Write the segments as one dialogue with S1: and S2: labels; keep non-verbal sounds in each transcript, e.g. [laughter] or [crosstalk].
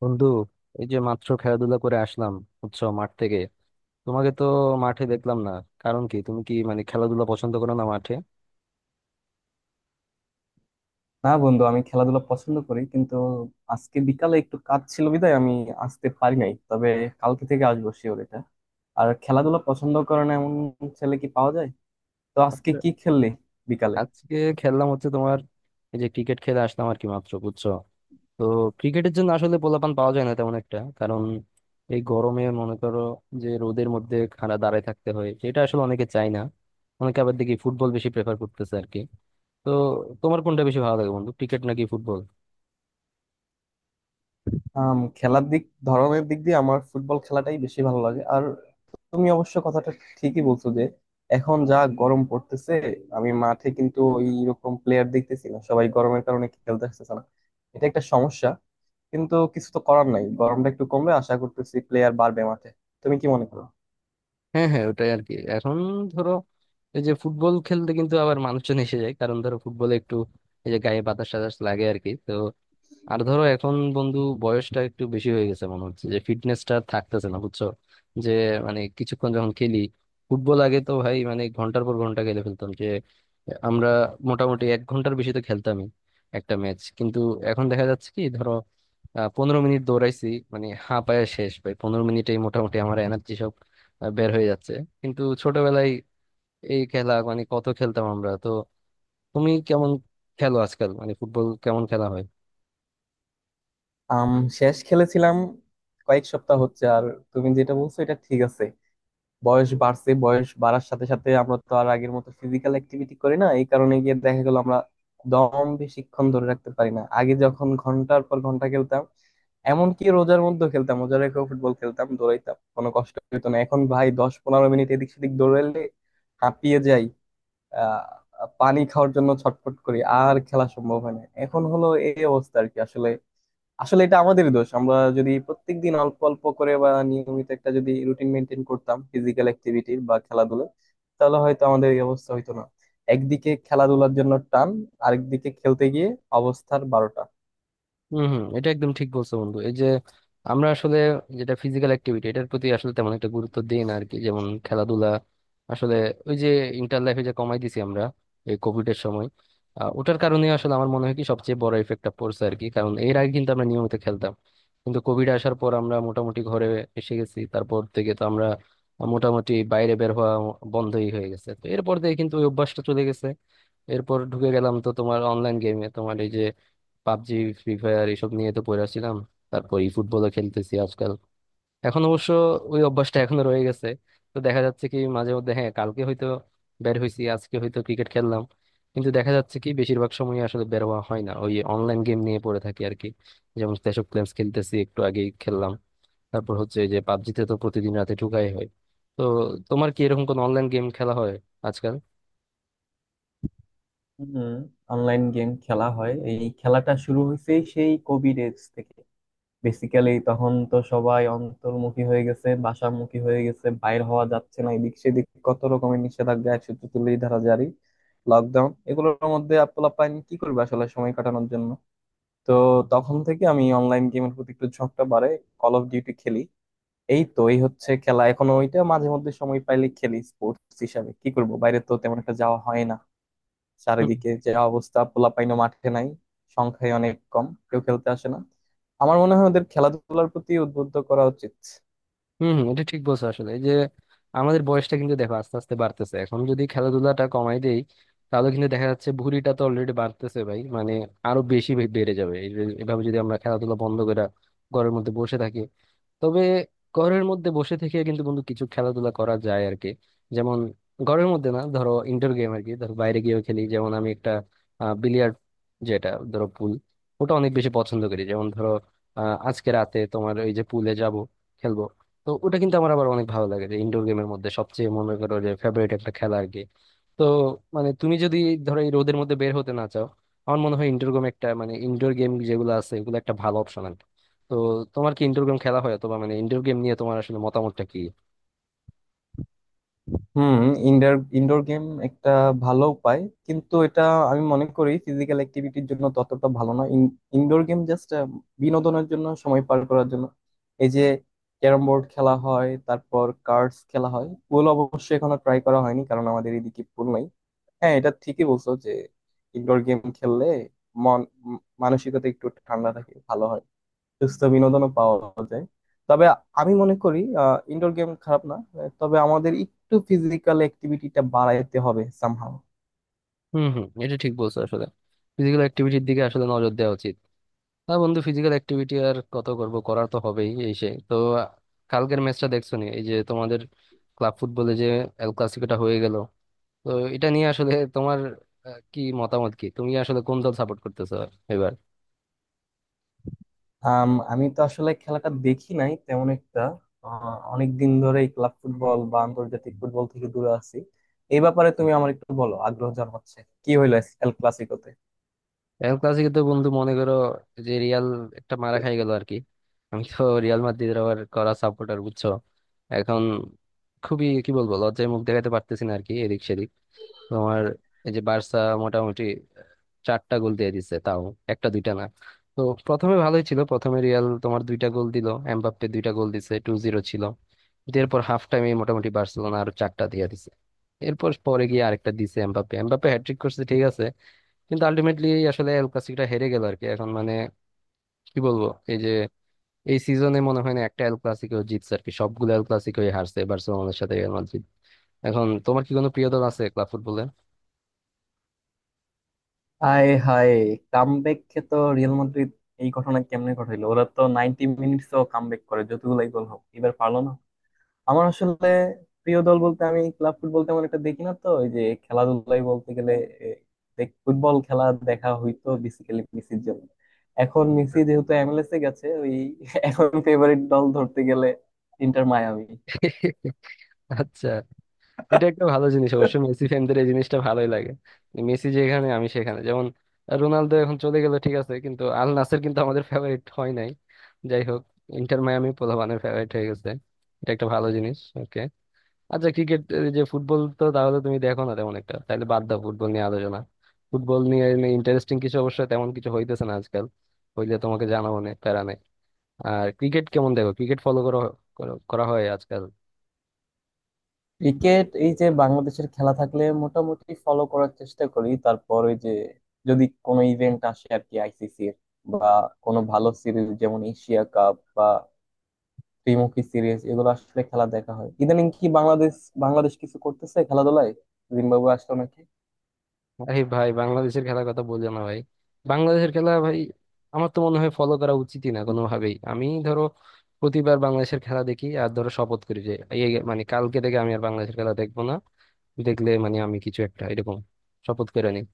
S1: বন্ধু, এই যে মাত্র খেলাধুলা করে আসলাম, বুঝছো, মাঠ থেকে। তোমাকে তো মাঠে দেখলাম না, কারণ কি তুমি কি মানে খেলাধুলা পছন্দ করো না মাঠে?
S2: না বন্ধু, আমি খেলাধুলা পছন্দ করি, কিন্তু আজকে বিকালে একটু কাজ ছিল বিধায় আমি আসতে পারি নাই। তবে কালকে থেকে আসবো, শিওর এটা। আর খেলাধুলা পছন্দ করে না এমন ছেলে কি পাওয়া যায়? তো আজকে
S1: আচ্ছা,
S2: কি খেললি বিকালে?
S1: আজকে খেললাম হচ্ছে তোমার এই যে ক্রিকেট খেলে আসলাম আর কি মাত্র, বুঝছো। তো ক্রিকেটের জন্য আসলে পোলাপান পাওয়া যায় না তেমন একটা, কারণ এই গরমে মনে করো যে রোদের মধ্যে খাড়া দাঁড়ায় থাকতে হয়, এটা আসলে অনেকে চায় না। অনেকে আবার দেখি ফুটবল বেশি প্রেফার করতেছে আর কি। তো তোমার কোনটা বেশি ভালো লাগে, বন্ধু, ক্রিকেট নাকি ফুটবল?
S2: খেলার দিক ধরনের দিক দিয়ে আমার ফুটবল খেলাটাই বেশি ভালো লাগে। আর তুমি অবশ্য কথাটা ঠিকই বলছো যে এখন যা গরম পড়তেছে, আমি মাঠে কিন্তু এইরকম প্লেয়ার দেখতেছি না, সবাই গরমের কারণে খেলতে আসতেছে না। এটা একটা সমস্যা, কিন্তু কিছু তো করার নাই। গরমটা একটু কমলে আশা করতেছি প্লেয়ার বাড়বে মাঠে। তুমি কি মনে করো?
S1: হ্যাঁ, হ্যাঁ, ওটাই আর কি এখন। ধরো এই যে ফুটবল খেলতে কিন্তু আবার মানুষজন এসে যায়, কারণ ধরো ফুটবলে একটু এই যে গায়ে বাতাস টাতাস লাগে আর কি। তো আর ধরো এখন বন্ধু বয়সটা একটু বেশি হয়ে গেছে, মনে হচ্ছে যে ফিটনেসটা থাকতেছে না, বুঝছো, যে মানে কিছুক্ষণ যখন খেলি ফুটবল, আগে তো ভাই মানে ঘন্টার পর ঘন্টা খেলে ফেলতাম যে আমরা, মোটামুটি এক ঘন্টার বেশি তো খেলতামই একটা ম্যাচ। কিন্তু এখন দেখা যাচ্ছে কি ধরো, 15 মিনিট দৌড়াইছি মানে হাঁপায়া শেষ, ভাই 15 মিনিটেই মোটামুটি আমার এনার্জি বের হয়ে যাচ্ছে। কিন্তু ছোটবেলায় এই খেলা মানে কত খেলতাম আমরা তো। তুমি কেমন খেলো আজকাল, মানে ফুটবল কেমন খেলা হয়?
S2: আম শেষ খেলেছিলাম কয়েক সপ্তাহ হচ্ছে। আর তুমি যেটা বলছো এটা ঠিক আছে, বয়স বাড়ছে, বয়স বাড়ার সাথে সাথে আমরা তো আর আগের মতো ফিজিক্যাল অ্যাক্টিভিটি করি না, এই কারণে গিয়ে দেখা গেল আমরা দম বেশিক্ষণ ধরে রাখতে পারি না। আগে যখন ঘন্টার পর ঘন্টা খেলতাম, এমনকি রোজার মধ্যে খেলতাম, রোজার রেখেও ফুটবল খেলতাম, দৌড়াইতাম, কোনো কষ্ট হতো না। এখন ভাই 10-15 মিনিট এদিক সেদিক দৌড়াইলে হাঁপিয়ে যাই, পানি খাওয়ার জন্য ছটফট করি, আর খেলা সম্ভব হয় না। এখন হলো এই অবস্থা আর কি। আসলে আসলে এটা আমাদেরই দোষ। আমরা যদি প্রত্যেকদিন অল্প অল্প করে বা নিয়মিত একটা যদি রুটিন মেনটেন করতাম ফিজিক্যাল অ্যাক্টিভিটির বা খেলাধুলার, তাহলে হয়তো আমাদের এই অবস্থা হইতো না। একদিকে খেলাধুলার জন্য টান, আরেকদিকে খেলতে গিয়ে অবস্থার বারোটা।
S1: হম, হম, এটা একদম ঠিক বলছো বন্ধু। এই যে আমরা আসলে যেটা ফিজিক্যাল অ্যাক্টিভিটি, এটার প্রতি আসলে তেমন একটা গুরুত্ব দিই না আর কি, যেমন খেলাধুলা। আসলে ওই যে ইন্টার লাইফে যে কমাই দিছি আমরা এই কোভিড এর সময়, ওটার কারণে আসলে আমার মনে হয় কি সবচেয়ে বড় ইফেক্টটা পড়ছে আর কি, কারণ এর আগে কিন্তু আমরা নিয়মিত খেলতাম। কিন্তু কোভিড আসার পর আমরা মোটামুটি ঘরে এসে গেছি, তারপর থেকে তো আমরা মোটামুটি বাইরে বের হওয়া বন্ধই হয়ে গেছে। তো এরপর থেকে কিন্তু ওই অভ্যাসটা চলে গেছে। এরপর ঢুকে গেলাম তো তোমার অনলাইন গেমে, তোমার এই যে পাবজি, ফ্রি ফায়ার, এসব নিয়ে তো পড়ে ছিলাম। তারপর ই ফুটবলও খেলতেছি আজকাল। এখন অবশ্য ওই অভ্যাসটা এখনো রয়ে গেছে। তো দেখা যাচ্ছে কি মাঝে মধ্যে, হ্যাঁ, কালকে হয়তো বের হয়েছি, আজকে হয়তো ক্রিকেট খেললাম, কিন্তু দেখা যাচ্ছে কি বেশিরভাগ সময় আসলে বের হওয়া হয় না, ওই অনলাইন গেম নিয়ে পড়ে থাকি আর কি। যেমন ক্ল্যাশ অফ ক্ল্যান্স খেলতেছি, একটু আগেই খেললাম। তারপর হচ্ছে এই যে পাবজিতে তো প্রতিদিন রাতে ঢুকাই হয়। তো তোমার কি এরকম কোন অনলাইন গেম খেলা হয় আজকাল?
S2: হম, অনলাইন গেম খেলা হয়। এই খেলাটা শুরু হয়েছে সেই কোভিড এজ থেকে। বেসিক্যালি তখন তো সবাই অন্তর্মুখী হয়ে গেছে, বাসামুখী হয়ে গেছে, বাইর হওয়া যাচ্ছে না, এদিক সেদিক কত রকমের নিষেধাজ্ঞা, 144 ধারা জারি, লকডাউন, এগুলোর মধ্যে পোলাপাইন কি করবে আসলে সময় কাটানোর জন্য। তো তখন থেকে আমি অনলাইন গেমের প্রতি একটু ঝোঁকটা বাড়ে। কল অফ ডিউটি খেলি, এই তো এই হচ্ছে খেলা এখন। ওইটা মাঝে মধ্যে সময় পাইলে খেলি। স্পোর্টস হিসাবে কি করবো, বাইরে তো তেমন একটা যাওয়া হয় না, চারিদিকে যে অবস্থা, পোলাপাইনও মাঠে নাই, সংখ্যায় অনেক কম, কেউ খেলতে আসে না। আমার মনে হয় ওদের খেলাধুলার প্রতি উদ্বুদ্ধ করা উচিত।
S1: হম, হম, এটা ঠিক বলছো আসলে। এই যে আমাদের বয়সটা কিন্তু দেখো আস্তে আস্তে বাড়তেছে, এখন যদি খেলাধুলাটা কমাই দেই, তাহলে কিন্তু দেখা যাচ্ছে ভুঁড়িটা তো অলরেডি বাড়তেছে, ভাই, মানে আরো বেশি বেড়ে যাবে। এভাবে যদি আমরা খেলাধুলা বন্ধ করে ঘরের মধ্যে বসে থাকি, তবে ঘরের মধ্যে বসে থেকে কিন্তু বন্ধু কিছু খেলাধুলা করা যায় আর কি। যেমন ঘরের মধ্যে না, ধরো ইনডোর গেম আর কি, ধরো বাইরে গিয়েও খেলি, যেমন আমি একটা বিলিয়ার্ড, যেটা ধরো পুল, ওটা অনেক বেশি পছন্দ করি। যেমন ধরো, আজকে রাতে তোমার ওই যে পুলে যাব, খেলবো। তো ওটা কিন্তু আমার আবার অনেক ভালো লাগে, যে ইনডোর গেমের মধ্যে সবচেয়ে মনে করো যে ফেভারিট একটা খেলা আর কি। তো মানে তুমি যদি ধরো এই রোদের মধ্যে বের হতে না চাও, আমার মনে হয় ইনডোর গেম একটা মানে ইনডোর গেম যেগুলো আছে ওগুলো একটা ভালো অপশন। তো তোমার কি ইনডোর গেম খেলা হয়, অথবা মানে ইনডোর গেম নিয়ে তোমার আসলে মতামতটা কি?
S2: হুম, ইনডোর ইনডোর গেম একটা ভালো উপায়, কিন্তু এটা আমি মনে করি ফিজিক্যাল অ্যাক্টিভিটির জন্য ততটা ভালো না। ইনডোর গেম জাস্ট বিনোদনের জন্য, সময় পার করার জন্য। এই যে ক্যারম বোর্ড খেলা হয়, তারপর কার্ডস খেলা হয়, পুল অবশ্য এখনো ট্রাই করা হয়নি কারণ আমাদের এদিকে পুল নাই। হ্যাঁ, এটা ঠিকই বলছো যে ইনডোর গেম খেললে মন উম, মানসিকতা একটু ঠান্ডা থাকে, ভালো হয়, সুস্থ বিনোদনও পাওয়া যায়। তবে আমি মনে করি ইনডোর গেম খারাপ না, তবে আমাদের একটু ফিজিক্যাল অ্যাক্টিভিটিটা বাড়াইতে হবে সামহাও।
S1: হুম, হুম, এটা ঠিক বলছো আসলে। ফিজিক্যাল অ্যাক্টিভিটির দিকে আসলে নজর দেওয়া উচিত। হ্যাঁ বন্ধু, ফিজিক্যাল অ্যাক্টিভিটি আর কত করব, করার তো হবেই। এই সে তো, কালকের ম্যাচটা দেখছো নি, এই যে তোমাদের ক্লাব ফুটবলে যে এল ক্লাসিকোটা হয়ে গেল? তো এটা নিয়ে আসলে তোমার কি মতামত, কি তুমি আসলে কোন দল সাপোর্ট করতেছো এবার?
S2: আমি তো আসলে খেলাটা দেখি নাই তেমন একটা, অনেক দিন ধরে ক্লাব ফুটবল বা আন্তর্জাতিক ফুটবল থেকে দূরে আছি। এই ব্যাপারে তুমি আমার একটু বলো, আগ্রহ জন্মাচ্ছে। কি হইলো এল ক্লাসিকোতে?
S1: এল ক্লাসিকো তো বন্ধু মনে করো যে রিয়াল একটা মারা খাই গেল আর কি। আমি তো রিয়াল মাদ্রিদের আবার করা সাপোর্টার, বুঝছো। এখন খুবই কি বলবো, লজ্জায় মুখ দেখাতে পারতেছি না আর কি এদিক সেদিক। তোমার এই যে বার্সা মোটামুটি চারটা গোল দিয়ে দিছে, তাও একটা দুইটা না। তো প্রথমে ভালোই ছিল, প্রথমে রিয়াল তোমার দুইটা গোল দিল, এমবাপ্পে দুইটা গোল দিছে, 2-0 ছিল। কিন্তু এরপর হাফ টাইমে মোটামুটি বার্সেলোনা আরো চারটা দিয়ে দিছে। এরপর পরে গিয়ে আরেকটা দিছে এমবাপ্পে, হ্যাটট্রিক করছে, ঠিক আছে। কিন্তু আলটিমেটলি আসলে এল ক্লাসিকটা হেরে গেল আর কি। এখন মানে কি বলবো, এই যে এই সিজনে মনে হয় না একটা এল ক্লাসিকও জিতছে আর কি, সবগুলো এল ক্লাসিকই হারছে বার্সেলোনার সাথে রিয়াল মাদ্রিদ। এখন তোমার কি কোনো প্রিয় দল আছে ক্লাব ফুটবলে?
S2: হায় হায়, কামব্যাককে তো রিয়াল মাদ্রিদ এই ঘটনা কেমনে ঘটাইলো, ওরা তো 90 মিনিটস ও কামব্যাক করে, যতগুলাই গোল হোক, এবার পারলো না। আমার আসলে প্রিয় দল বলতে, আমি ক্লাব ফুটবল তেমন একটা দেখি না তো, ওই যে খেলাধুলাই বলতে গেলে, এ, ফুটবল খেলা দেখা হইতো বেসিক্যালি মেসির জন্য। এখন মেসি যেহেতু এমএলএস এ গেছে ওই [laughs] এখন ফেভারিট দল ধরতে গেলে ইন্টার মায়ামি।
S1: [laughs] আচ্ছা, এটা একটা ভালো জিনিস অবশ্য, মেসি ফ্যানদের এই জিনিসটা ভালোই লাগে, মেসি যেখানে আমি সেখানে। যেমন রোনালদো এখন চলে গেল, ঠিক আছে, কিন্তু আল নাসের কিন্তু আমাদের ফেভারিট হয় নাই। যাই হোক, ইন্টার মায়ামি পোলাপানের ফেভারিট হয়ে গেছে, এটা একটা ভালো জিনিস, ওকে। আচ্ছা, ক্রিকেট, যে ফুটবল তো তাহলে তুমি দেখো না তেমন একটা, তাহলে বাদ দাও ফুটবল নিয়ে আলোচনা। ফুটবল নিয়ে ইন্টারেস্টিং কিছু অবশ্য তেমন কিছু হইতেছে না আজকাল, হইলে তোমাকে জানাবো নে, প্যারা নেই। আর ক্রিকেট কেমন দেখো, ক্রিকেট ফলো করা করা করা হয় আজকাল?
S2: ক্রিকেট, এই যে বাংলাদেশের খেলা থাকলে মোটামুটি ফলো করার চেষ্টা করি। তারপর ওই যে যদি কোনো ইভেন্ট আসে আর কি আইসিসি এর, বা কোনো ভালো সিরিজ যেমন এশিয়া কাপ বা ত্রিমুখী সিরিজ, এগুলো আসলে খেলা দেখা হয়। ইদানিং কি বাংলাদেশ বাংলাদেশ কিছু করতেছে খেলাধুলায়? জিম্বাবুয়ে আসলো নাকি?
S1: আরে ভাই, বাংলাদেশের খেলার কথা বলছো না ভাই, বাংলাদেশের খেলা ভাই আমার তো মনে হয় ফলো করা উচিতই না কোনোভাবেই। আমি ধরো প্রতিবার বাংলাদেশের খেলা দেখি আর ধরো শপথ করি যে এই মানে কালকে থেকে আমি আর বাংলাদেশের খেলা দেখবো না, দেখলে মানে আমি কিছু একটা এরকম শপথ করে নিই।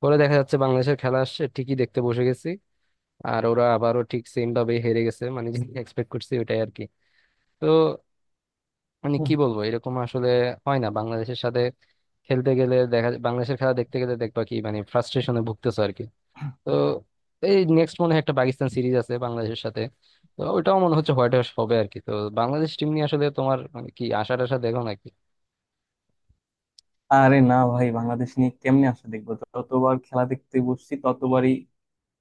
S1: পরে দেখা যাচ্ছে বাংলাদেশের খেলা আসছে, ঠিকই দেখতে বসে গেছি, আর ওরা আবারও ঠিক সেম ভাবে হেরে গেছে, মানে যেটা [laughs] এক্সপেক্ট করছি ওটাই আর কি। তো মানে
S2: হুম।
S1: কি বলবো, এরকম আসলে হয় না বাংলাদেশের সাথে। খেলতে গেলে দেখা যায়- বাংলাদেশের খেলা দেখতে গেলে দেখবা কি মানে ফ্রাস্ট্রেশনে ভুগতেছো আর কি। তো এই নেক্সট মনে হয় একটা পাকিস্তান সিরিজ আছে বাংলাদেশের সাথে, তো ওটাও মনে হচ্ছে হোয়াইট ওয়াশ হবে আর কি। তো বাংলাদেশ টিম নিয়ে আসলে তোমার মানে কি আশা টাশা দেখো না?
S2: আরে না ভাই, বাংলাদেশ নিয়ে কেমনে আসলে দেখবো, ততবার খেলা দেখতে বসছি ততবারই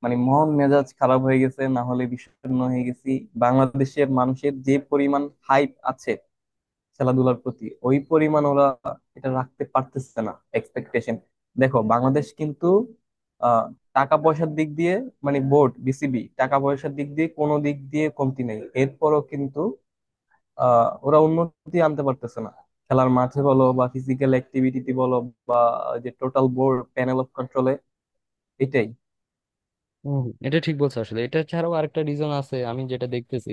S2: মানে মন মেজাজ খারাপ হয়ে গেছে, না হলে বিষণ্ণ হয়ে গেছি। বাংলাদেশের মানুষের যে পরিমাণ হাইপ আছে খেলাধুলার প্রতি, ওই পরিমাণ ওরা এটা রাখতে পারতেছে না এক্সপেকটেশন। দেখো বাংলাদেশ কিন্তু আহ, টাকা পয়সার দিক দিয়ে, মানে বোর্ড বিসিবি টাকা পয়সার দিক দিয়ে কোনো দিক দিয়ে কমতি নেই, এরপরও কিন্তু ওরা উন্নতি আনতে পারতেছে না, খেলার মাঠে বলো বা ফিজিক্যাল অ্যাক্টিভিটিতে বলো, বা যে টোটাল বোর্ড প্যানেল অফ কন্ট্রোলে, এটাই।
S1: হম, এটা ঠিক বলছো আসলে। এটা ছাড়াও আরেকটা রিজন আছে আমি যেটা দেখতেছি,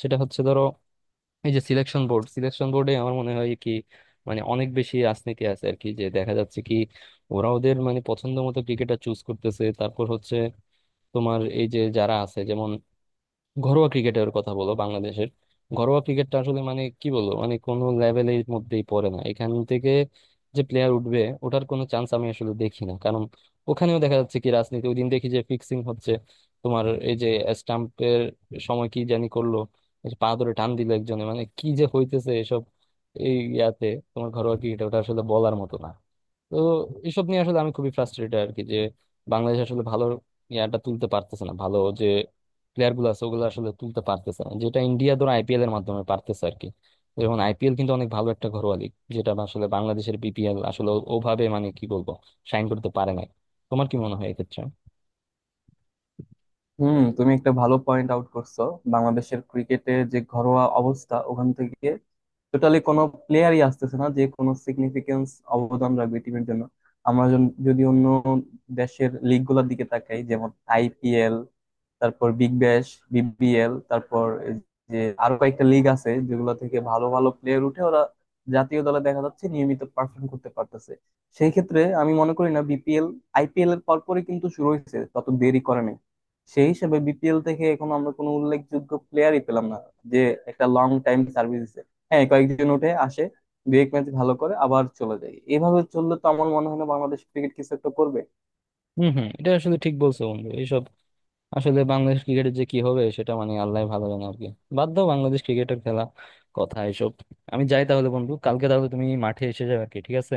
S1: সেটা হচ্ছে ধরো এই যে সিলেকশন বোর্ড, সিলেকশন বোর্ডে আমার মনে হয় কি মানে অনেক বেশি রাজনীতি আছে আর কি, যে দেখা যাচ্ছে কি ওরা ওদের মানে পছন্দ মতো ক্রিকেটার চুজ করতেছে। তারপর হচ্ছে তোমার এই যে যারা আছে, যেমন ঘরোয়া ক্রিকেটের কথা বলো বাংলাদেশের, ঘরোয়া ক্রিকেটটা আসলে মানে কি বলবো, মানে কোনো লেভেলের মধ্যেই পড়ে না। এখান থেকে যে প্লেয়ার উঠবে ওটার কোনো চান্স আমি আসলে দেখি না, কারণ ওখানেও দেখা যাচ্ছে কি রাজনীতি। ওই দিন দেখি যে ফিক্সিং হচ্ছে, তোমার এই যে স্টাম্পের সময় কি জানি করলো, এই যে পা ধরে টান দিল একজনে, মানে কি যে হইতেছে এসব এই ইয়াতে, তোমার ঘরোয়া ক্রিকেট ওটা আসলে বলার মতো না। তো এসব নিয়ে আসলে আমি খুবই ফ্রাস্ট্রেটেড আর কি, যে বাংলাদেশ আসলে ভালো ইয়াটা তুলতে পারতেছে না, ভালো প্লেয়ার গুলো আছে ওগুলো আসলে তুলতে পারতেছে না, যেটা ইন্ডিয়া ধরো আইপিএল এর মাধ্যমে পারতেছে আর কি। যেমন আইপিএল কিন্তু অনেক ভালো একটা ঘরোয়া লিগ, যেটা আসলে বাংলাদেশের বিপিএল আসলে ওভাবে মানে কি বলবো শাইন করতে পারে না। তোমার কি মনে হয় এক্ষেত্রে?
S2: হুম, তুমি একটা ভালো পয়েন্ট আউট করছো। বাংলাদেশের ক্রিকেটের যে ঘরোয়া অবস্থা, ওখান থেকে টোটালি কোনো প্লেয়ারই আসতেছে না যে কোনো সিগনিফিকেন্স অবদান রাখবে টিমের জন্য। আমরা যদি অন্য দেশের লিগ গুলার দিকে তাকাই, যেমন আইপিএল, তারপর বিগ ব্যাশ, বিবিএল, তারপর এই যে আরো কয়েকটা লিগ আছে, যেগুলো থেকে ভালো ভালো প্লেয়ার উঠে, ওরা জাতীয় দলে দেখা যাচ্ছে নিয়মিত পারফর্ম করতে পারতেছে। সেই ক্ষেত্রে আমি মনে করি না, বিপিএল আইপিএল এর পরপরই কিন্তু শুরু হয়েছে, তত দেরি করে নাই। সেই হিসেবে বিপিএল থেকে এখন আমরা কোনো উল্লেখযোগ্য প্লেয়ারই পেলাম না যে একটা লং টাইম সার্ভিস দিচ্ছে। হ্যাঁ, কয়েকজন উঠে আসে, দুই এক ম্যাচ ভালো করে আবার চলে যায়। এভাবে চললে তো আমার মনে হয় না বাংলাদেশ ক্রিকেট কিছু একটা করবে।
S1: হম, হম, এটা আসলে ঠিক বলছো বন্ধু। এইসব আসলে বাংলাদেশ ক্রিকেটের যে কি হবে সেটা মানে আল্লাহ ভালো জানে আর কি। বাদ দাও বাংলাদেশ ক্রিকেটের খেলা, কথা, এসব। আমি যাই তাহলে বন্ধু, কালকে তাহলে তুমি মাঠে এসে যাবে আর কি, ঠিক আছে।